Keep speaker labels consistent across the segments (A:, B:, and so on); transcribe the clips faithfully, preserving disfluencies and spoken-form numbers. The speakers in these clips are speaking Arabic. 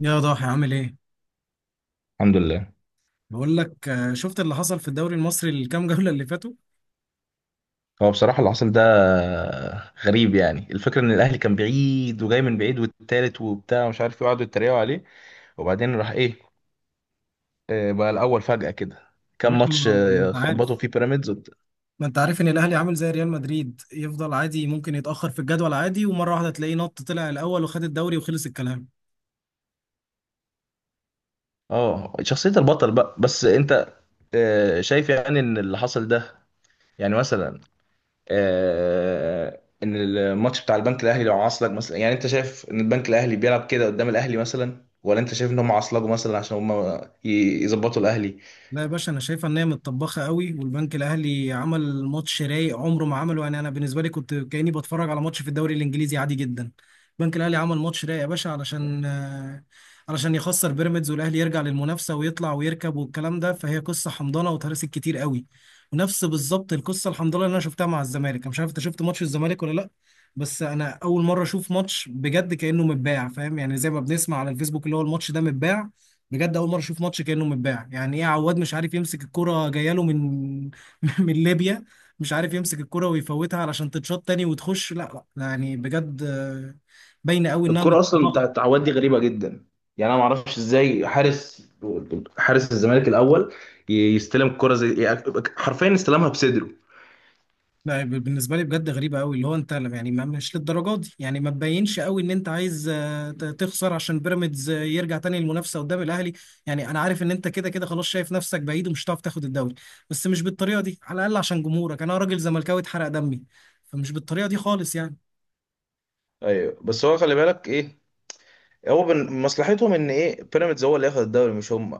A: يا ضاحي، عامل ايه؟
B: الحمد لله.
A: بقول لك، آه، شفت اللي حصل في الدوري المصري الكام جولة اللي فاتوا؟
B: هو بصراحة اللي حصل ده غريب، يعني الفكرة ان الاهلي كان بعيد وجاي من بعيد والتالت وبتاع ومش عارف ايه وقعدوا يتريقوا عليه وبعدين راح ايه. آه، بقى الاول فجأة كده
A: يا
B: كام
A: باشا،
B: ماتش،
A: ما ما
B: آه،
A: انت
B: خبطوا
A: عارف
B: فيه بيراميدز وبت-
A: ما انت عارف ان الاهلي عامل زي ريال مدريد، يفضل عادي ممكن يتأخر في الجدول عادي، ومرة واحدة تلاقيه نط طلع الاول وخد الدوري وخلص الكلام.
B: اه، شخصية البطل بقى. بس انت آه، شايف يعني ان اللي حصل ده، يعني مثلا آه، ان الماتش بتاع البنك الاهلي لو عصلك مثلا، يعني انت شايف ان البنك الاهلي بيلعب كده قدام الاهلي مثلا، ولا انت شايف ان هم عصلجوا مثلا عشان هم ي- يظبطوا الاهلي.
A: لا يا باشا، انا شايفه ان هي متطبخه قوي، والبنك الاهلي عمل ماتش رايق عمره ما عمله. يعني انا بالنسبه لي كنت كاني بتفرج على ماتش في الدوري الانجليزي عادي جدا. البنك الاهلي عمل ماتش رايق يا باشا علشان آه، علشان يخسر بيراميدز والاهلي يرجع للمنافسه ويطلع ويركب والكلام ده. فهي قصه حمضانه وتهرست كتير قوي. ونفس بالظبط القصه الحمضانه اللي انا شفتها مع الزمالك. انا مش عارف انت شفت ماتش الزمالك ولا لا. بس انا اول مره اشوف ماتش بجد كانه متباع، فاهم؟ يعني زي ما بنسمع على الفيسبوك، اللي هو الماتش ده متباع. بجد اول مره اشوف ماتش كانه متباع. يعني ايه عواد مش عارف يمسك الكره جايه له من من ليبيا؟ مش عارف يمسك الكره ويفوتها علشان تتشاط تاني وتخش. لا لا يعني بجد، آه، باينه قوي انها
B: الكرة اصلا بتاعت
A: مطبخه.
B: التعويض دي غريبة جدا. يعني انا ما اعرفش ازاي حارس حارس الزمالك الاول ي- يستلم الكرة زي، يعني حرفيا استلمها بصدره.
A: لا، ب- بالنسبه لي بجد غريبه قوي، اللي هو انت يعني ما مش للدرجه دي. يعني ما تبينش قوي ان انت عايز آه، ت- تخسر عشان بيراميدز آه، يرجع تاني للمنافسه قدام الاهلي. يعني انا عارف ان انت كده كده خلاص شايف نفسك بعيد ومش هتعرف تاخد الدوري. بس مش بالطريقه دي على الاقل عشان جمهورك، انا راجل زملكاوي اتحرق دمي. فمش بالطريقه دي خالص يعني.
B: ايوه، بس هو خلي بالك ايه، هو بن... مصلحتهم ان ايه، بيراميدز هو اللي ياخد الدوري مش هم،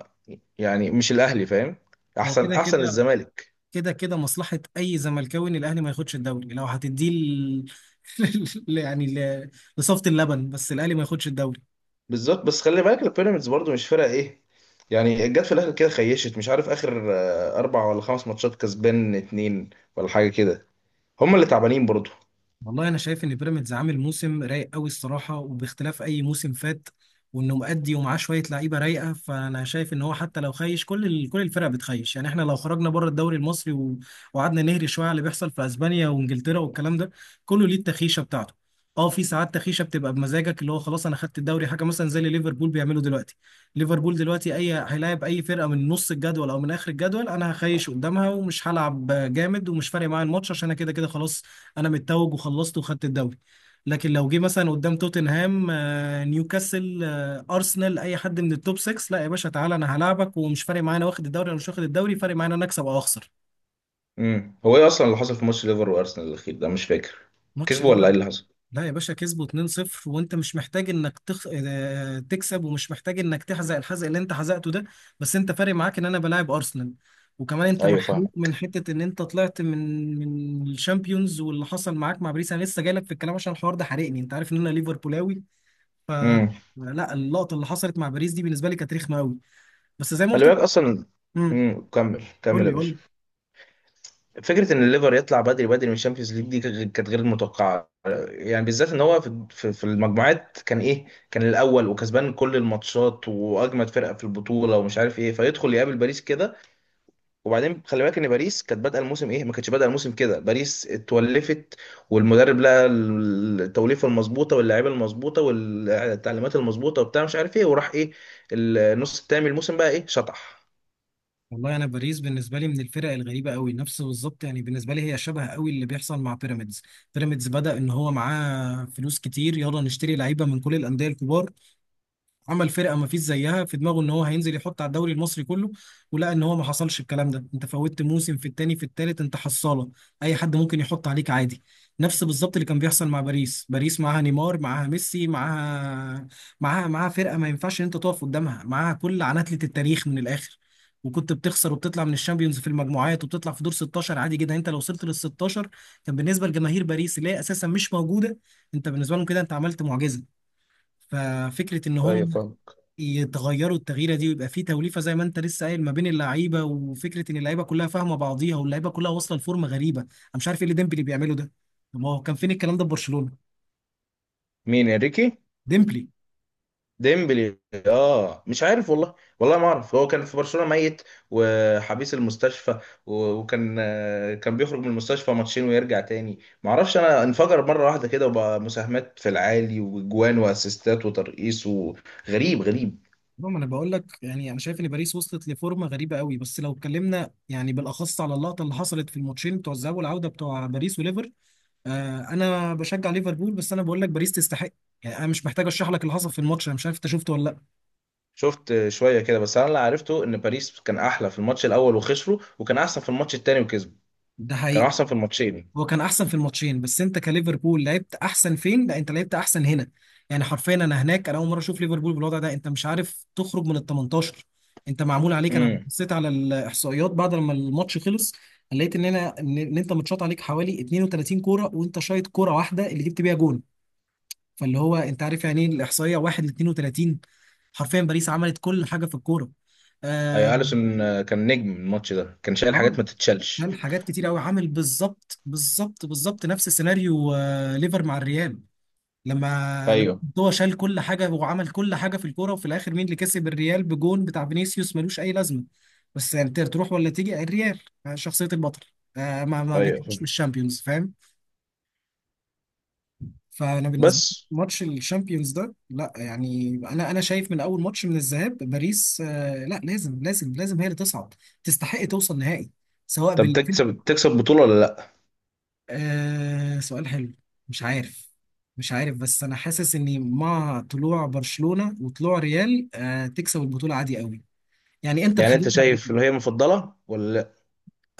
B: يعني مش الاهلي، فاهم؟
A: هو
B: احسن
A: كده
B: احسن
A: كده.
B: الزمالك.
A: كده كده مصلحة أي زملكاوي إن الأهلي ما ياخدش الدوري. لو هتديه ل... ل- يعني ل... لصفة اللبن، بس الأهلي ما ياخدش الدوري.
B: بالظبط، بس خلي بالك البيراميدز برضو مش فرقه ايه، يعني جت في الاخر كده خيشت، مش عارف اخر آه، اربع ولا خمس ماتشات كسبان اتنين ولا حاجه كده. هم اللي تعبانين برضو.
A: والله انا شايف ان بيراميدز عامل موسم رايق قوي الصراحه، وباختلاف اي موسم فات. وانه مؤدي ومعاه شويه لعيبه رايقه، فانا شايف ان هو حتى لو خايش كل ال... كل الفرق بتخيش يعني. احنا لو خرجنا بره الدوري المصري و... وقعدنا نهري شويه على اللي بيحصل في اسبانيا وانجلترا والكلام ده، كله ليه التخيشه بتاعته. اه، في ساعات تخيشه بتبقى بمزاجك، اللي هو خلاص انا خدت الدوري، حاجه مثلا زي اللي ليفربول بيعمله دلوقتي. ليفربول دلوقتي اي هيلاعب اي فرقه من نص الجدول او من اخر الجدول، انا هخيش قدامها ومش هلعب جامد، ومش فارق معايا الماتش عشان انا كده كده خلاص. انا متوج وخلصت وخدت الدوري. لكن لو جه مثلا قدام توتنهام، آه، نيوكاسل، آه، ارسنال، اي حد من التوب ستة، لا يا باشا تعالى انا هلاعبك، ومش فارق معايا انا واخد الدوري انا مش واخد الدوري، فارق معايا انا اكسب او اخسر.
B: امم هو ايه اصلا اللي حصل في ماتش ليفر وارسنال الاخير ده؟ مش فاكر،
A: ماتش
B: كسبوا ولا
A: ليفر؟
B: ايه اللي حصل؟
A: لا يا باشا، كسبوا اتنين صفر، وانت مش محتاج انك تخ... آه، تكسب، ومش محتاج انك تحزق الحزق اللي انت حزقته ده. بس انت فارق معاك ان انا بلاعب ارسنال. وكمان انت
B: ايوه،
A: محروق
B: فاهم.
A: من حته ان انت طلعت من من الشامبيونز واللي حصل معاك مع باريس. انا لسه جاي لك في الكلام عشان الحوار ده حرقني. انت عارف ان انا ليفربولاوي. ف
B: امم
A: لا، اللقطه اللي حصلت مع باريس دي بالنسبه لي كانت رخمه قوي. بس زي ما
B: خلي
A: قلت لك.
B: بالك اصلا.
A: امم
B: امم كمل كمل
A: قول
B: يا
A: لي قول
B: باشا.
A: لي.
B: فكره ان الليفر يطلع بدري بدري من الشامبيونز ليج دي كانت كانت غير متوقعه، يعني بالذات ان هو في في في المجموعات كان ايه، كان الاول وكسبان كل الماتشات واجمد فرقه في البطوله ومش عارف ايه، فيدخل يقابل باريس كده. وبعدين خلي بالك ان باريس كانت بادئه الموسم ايه، ما كانتش بادئه الموسم كده، باريس اتولفت، والمدرب لقى التوليفه المظبوطه واللاعيبه المظبوطه والتعليمات المظبوطه وبتاع مش عارف ايه، وراح ايه، النص التاني من الموسم بقى ايه شطح.
A: والله انا باريس بالنسبه لي من الفرق الغريبه قوي. نفس بالظبط يعني بالنسبه لي هي شبه قوي اللي بيحصل مع بيراميدز. بيراميدز بدا ان هو معاه فلوس كتير، يلا نشتري لعيبه من كل الانديه الكبار. عمل فرقه ما فيش زيها، في دماغه ان هو هينزل يحط على الدوري المصري كله. ولقى ان هو ما حصلش الكلام ده. انت فوتت موسم، في التاني، في التالت انت حصاله، اي حد ممكن يحط عليك عادي. نفس بالظبط اللي كان بيحصل مع باريس. باريس معاها نيمار، معاها ميسي، معاها معاها معاها فرقه ما ينفعش ان انت تقف قدامها، معاها كل عناتله التاريخ من الاخر. وكنت بتخسر وبتطلع من الشامبيونز في المجموعات، وبتطلع في دور ستاشر عادي جدا. انت لو وصلت لل ستاشر، كان بالنسبه لجماهير باريس اللي هي اساسا مش موجوده، انت بالنسبه لهم كده انت عملت معجزه. ففكره ان
B: ايوه،
A: هم
B: فاهم.
A: يتغيروا التغييره دي، ويبقى في توليفه زي ما انت لسه قايل ما بين اللعيبه، وفكره ان اللعيبه كلها فاهمه بعضيها، واللعيبه كلها واصله لفورمه غريبه. انا مش عارف ايه اللي ديمبلي بيعمله ده. طب ما هو كان فين الكلام ده في برشلونه؟
B: مين، انريكي؟
A: ديمبلي.
B: ديمبلي. اه، مش عارف والله، والله ما اعرف، هو كان في برشلونة ميت وحبيس المستشفى. و- وكان، آه، كان بيخرج من المستشفى ماتشين ويرجع تاني، ما اعرفش، انا انفجر مرة واحدة كده وبقى مساهمات في العالي واجوان واسيستات وترقيص، وغريب غريب
A: المهم، انا بقول لك يعني انا شايف ان باريس وصلت لفورمه غريبه قوي. بس لو اتكلمنا يعني بالاخص على اللقطه اللي حصلت في الماتشين بتوع الذهاب والعوده بتوع باريس وليفر، آه انا بشجع ليفربول، بس انا بقول لك باريس تستحق. يعني انا مش محتاج اشرح لك اللي حصل في الماتش، انا مش عارف انت شفته ولا لا.
B: شفت شوية كده، بس انا اللي عرفته ان باريس كان احلى في الماتش الاول وخسروا، وكان احسن في الماتش التاني وكسبوا،
A: ده
B: كان
A: حقيقي.
B: احسن في الماتشين.
A: هو كان احسن في الماتشين، بس انت كليفربول لعبت احسن فين؟ لا، انت لعبت احسن هنا. يعني حرفيا انا هناك، انا اول مره اشوف ليفربول بالوضع ده. انت مش عارف تخرج من ال تمنتاشر. انت معمول عليك. انا
B: امم
A: بصيت على الاحصائيات بعد لما الماتش خلص، لقيت ان انا ان إن انت متشاط عليك حوالي اتنين وتلاتين كوره، وانت شايط كوره واحده اللي جبت بيها جون. فاللي هو انت عارف يعني ايه الاحصائيه واحد ل اثنين وثلاثين؟ حرفيا باريس عملت كل حاجه في الكوره. آه
B: اي، اليسون، آه، كان نجم الماتش ده، كان شايل
A: آه،
B: حاجات ما تتشالش.
A: كان حاجات كتير قوي، عامل بالظبط بالظبط بالظبط نفس سيناريو آه ليفر مع الريال، لما لما
B: ايوه،
A: هو شال كل حاجه وعمل كل حاجه في الكوره. وفي الاخر مين اللي كسب؟ الريال بجون بتاع فينيسيوس ملوش اي لازمه. بس يعني تر- تروح ولا تيجي الريال، آه، شخصيه البطل، آه، ما ما
B: ايوه،
A: بيتجيش من الشامبيونز، فاهم؟ فانا بالنسبه
B: بس
A: لي ماتش الشامبيونز ده لا. يعني انا انا شايف من اول ماتش من الذهاب باريس، آه، لا لازم لازم لازم هي اللي تصعد. تستحق توصل نهائي، سواء
B: طب
A: بال
B: تكسب، تكسب بطولة ولا لا؟
A: آه، سؤال حلو. مش عارف. مش عارف، بس انا حاسس اني مع طلوع برشلونة وطلوع ريال، آه تكسب البطولة عادي قوي. يعني انتر
B: يعني انت
A: خدتها قبل
B: شايف
A: كده.
B: اللي هي مفضلة ولا لا؟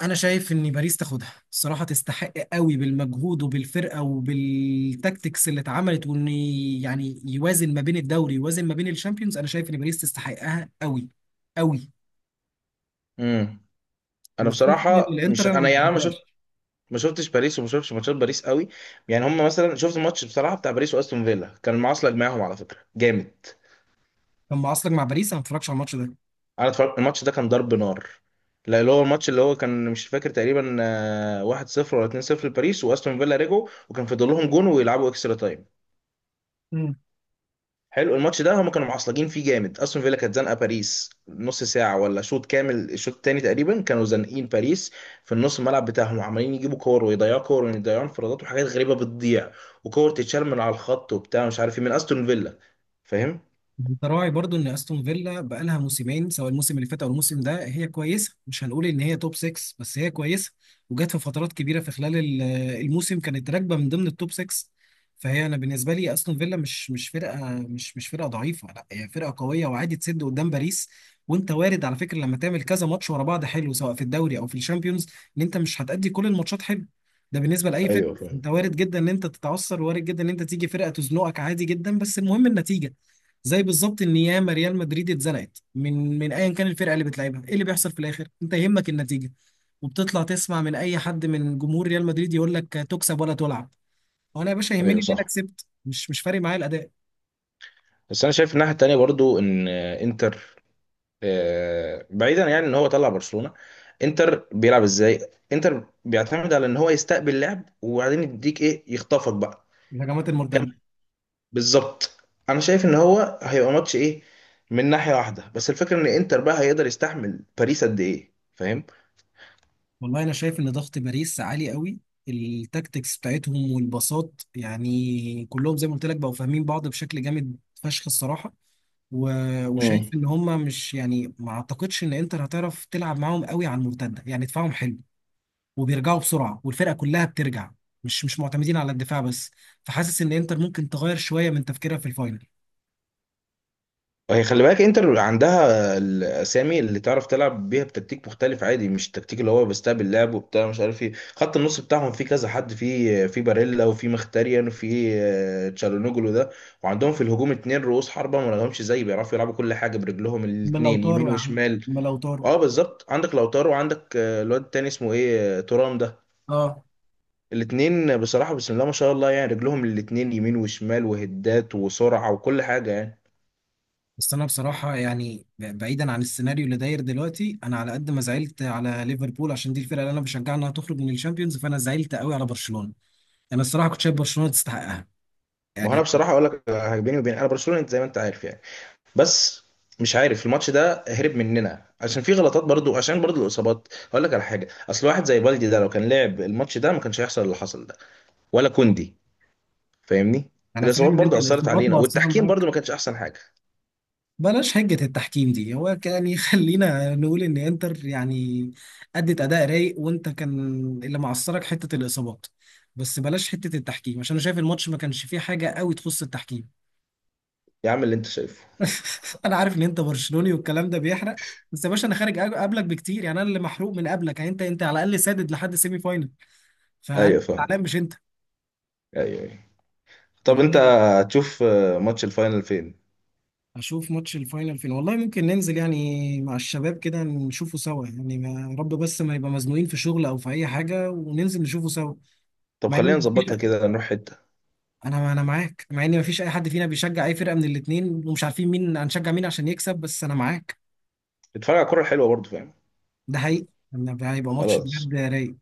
A: انا شايف ان باريس تاخدها الصراحة، تستحق قوي بالمجهود وبالفرقة وبالتكتكس اللي اتعملت، وان يعني يوازن ما بين الدوري، يوازن ما بين الشامبيونز. انا شايف ان باريس تستحقها قوي قوي.
B: امم انا
A: وخصوصا ان
B: بصراحة مش،
A: الانتر انا
B: انا
A: ما
B: يعني انا ما شفت،
A: بحبهاش.
B: ما شفتش باريس وما شفتش ماتشات باريس قوي. يعني هم مثلا، شفت الماتش بصراحة بتاع باريس واستون فيلا؟ كان المعاصلة جماعهم على فكرة جامد.
A: كان معاصلك مع باريس، انا ما اتفرجش على الماتش
B: انا اتفرجت الماتش ده، كان ضرب نار. لا، اللي هو الماتش، اللي هو كان مش فاكر تقريبا، آه، واحد صفر ولا اتنين صفر لباريس، واستون فيلا رجعوا وكان فاضل لهم جون ويلعبوا اكسترا تايم.
A: ده.
B: حلو الماتش ده، هم كانوا معصلجين فيه جامد، استون فيلا كانت زنقه باريس نص ساعه ولا شوط كامل، الشوط التاني تقريبا كانوا زانقين باريس في النص الملعب بتاعهم، عمالين يجيبوا كور ويضيعوا كور ويضيعوا انفرادات وحاجات غريبه بتضيع، وكور تتشال من على الخط وبتاع مش عارف ايه من استون فيلا، فاهم؟
A: انت راعي برضو ان استون فيلا بقالها موسمين، سواء الموسم اللي فات او الموسم ده، هي كويسه. مش هنقول ان هي توب ستة، بس هي كويسه. وجت في فترات كبيره في خلال ال- آه، الموسم كانت راكبه من ضمن التوب ستة. فهي انا بالنسبه لي استون فيلا مش مش فرقه مش مش فرقه ضعيفه. لا هي فرقه قويه وعادي تسد قدام باريس. وانت وارد على فكره، لما تعمل كذا ماتش ورا بعض حلو سواء في الدوري او في الشامبيونز، ان انت مش هتأدي كل الماتشات حلو. ده بالنسبه لاي فرقه
B: ايوه، فاهم.
A: انت وارد جدا ان انت تتعثر، وارد جدا ان انت تيجي فرقه تزنقك عادي جدا، بس المهم النتيجه. زي بالظبط ان ياما ريال مدريد اتزنقت من من ايا كان الفرقه اللي بتلعبها. ايه اللي بيحصل في الاخر؟ انت يهمك النتيجه. وبتطلع تسمع من اي حد من جمهور ريال مدريد يقول لك تكسب ولا تلعب. وانا يا باشا يهمني
B: ايوه،
A: ان انا
B: صح.
A: كسبت، مش مش فارق معايا الاداء.
B: بس انا شايف الناحيه التانيه برضو ان آه، انتر، آه، بعيدا يعني ان هو طلع برشلونه، انتر بيلعب ازاي؟ انتر بيعتمد على ان هو يستقبل لعب وبعدين يديك ايه، يخطفك بقى.
A: الهجمات المرتده.
B: بالظبط، انا شايف ان هو هيبقى ماتش ايه من ناحيه واحده، بس الفكره ان انتر بقى هيقدر يستحمل باريس قد ايه، فاهم؟
A: والله انا شايف ان ضغط باريس عالي قوي، التاكتكس بتاعتهم والباصات يعني كلهم زي ما قلت لك بقوا فاهمين بعض بشكل جامد فشخ الصراحه. و- وشايف
B: مم.
A: ان هم مش يعني ما اعتقدش ان انتر هتعرف تلعب معاهم قوي على المرتده. يعني دفاعهم حلو وبيرجعوا بسرعه والفرقه كلها بترجع، مش مش معتمدين على الدفاع بس. فحاسس ان انتر ممكن تغير شويه من تفكيرها في الفاينل.
B: هي خلي بالك انتر عندها الاسامي اللي تعرف تلعب بيها بتكتيك مختلف عادي، مش التكتيك اللي هو بيستقبل لعب وبتاع مش عارف ايه، خط النص بتاعهم فيه كذا حد، فيه في باريلا وفي مختاريان وفي آه، تشالونوجلو ده. وعندهم في الهجوم اتنين رؤوس حربة ما لهمش زي، بيعرفوا يلعبوا كل حاجة برجلهم
A: اما لو
B: الاتنين يمين
A: طاروا يا عم،
B: وشمال.
A: اما لو طاروا.
B: اه، بالظبط، عندك لوتارو وعندك آه، الواد التاني اسمه ايه، آه، تورام ده.
A: اه
B: الاتنين بصراحة بسم الله ما شاء الله، يعني رجلهم الاتنين يمين وشمال وهدات وسرعة وكل حاجة يعني.
A: بس انا بصراحه يعني ب- بعيدا عن السيناريو اللي داير دلوقتي، انا على قد ما زعلت على ليفربول عشان دي الفرقه اللي انا بشجعها انها تخرج من الشامبيونز، فانا زعلت قوي على برشلونه. انا الصراحه كنت شايف برشلونه تستحقها
B: ما هو انا
A: يعني.
B: بصراحة اقول لك، آه، بيني وبين، انا برشلونة انت زي ما انت عارف يعني. بس مش عارف الماتش ده هرب مننا، عشان في غلطات برضو، عشان برضو الاصابات، هقول لك على حاجة، اصل واحد زي بالدي ده لو كان لعب الماتش ده ما كانش هيحصل اللي حصل ده، ولا كوندي، فاهمني؟
A: انا فاهم
B: الاصابات
A: ان انت
B: برضو اثرت
A: الاصابات
B: علينا،
A: مؤثره
B: والتحكيم برضو
A: معاك.
B: ما كانش احسن حاجة.
A: بلاش هجة التحكيم دي، هو يعني خلينا نقول ان انتر يعني ادت اداء رايق، وانت كان اللي معصرك حتة الاصابات. بس بلاش حتة التحكيم عشان انا شايف الماتش ما كانش فيه حاجة قوي تخص التحكيم.
B: يا عم اللي انت شايفه.
A: انا عارف ان انت برشلوني والكلام ده بيحرق. بس يا باشا انا خارج أج- قبلك بكتير، يعني انا اللي محروق من قبلك. يعني انت انت على الاقل سادد لحد سيمي فاينل. فانا
B: ايوه، فاهم.
A: زعلان مش انت.
B: ايوه، أيوة. طب انت
A: والله
B: هتشوف آه، ماتش الفاينل فين؟
A: اشوف ماتش الفاينل فين. والله ممكن ننزل يعني مع الشباب كده نشوفه سوا، يعني ما يا رب بس ما يبقى مزنوقين في شغل او في اي حاجه، وننزل نشوفه سوا.
B: طب
A: مع
B: خلينا
A: ان مفيش،
B: نظبطها كده، نروح حتة
A: انا انا معاك. مع ان مفيش اي حد فينا بيشجع اي فرقه من الاتنين، ومش عارفين مين هنشجع مين عشان يكسب، بس انا معاك.
B: اتفرج على الكورة الحلوة برضه، فاهم؟
A: ده حقيقي. إن هيبقى ماتش
B: خلاص.
A: بجد رايق.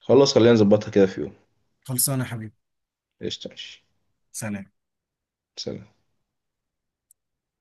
B: خلاص خلينا نظبطها كده في يوم.
A: خلصانه يا حبيبي.
B: قشطة، ماشي.
A: سلام.
B: سلام.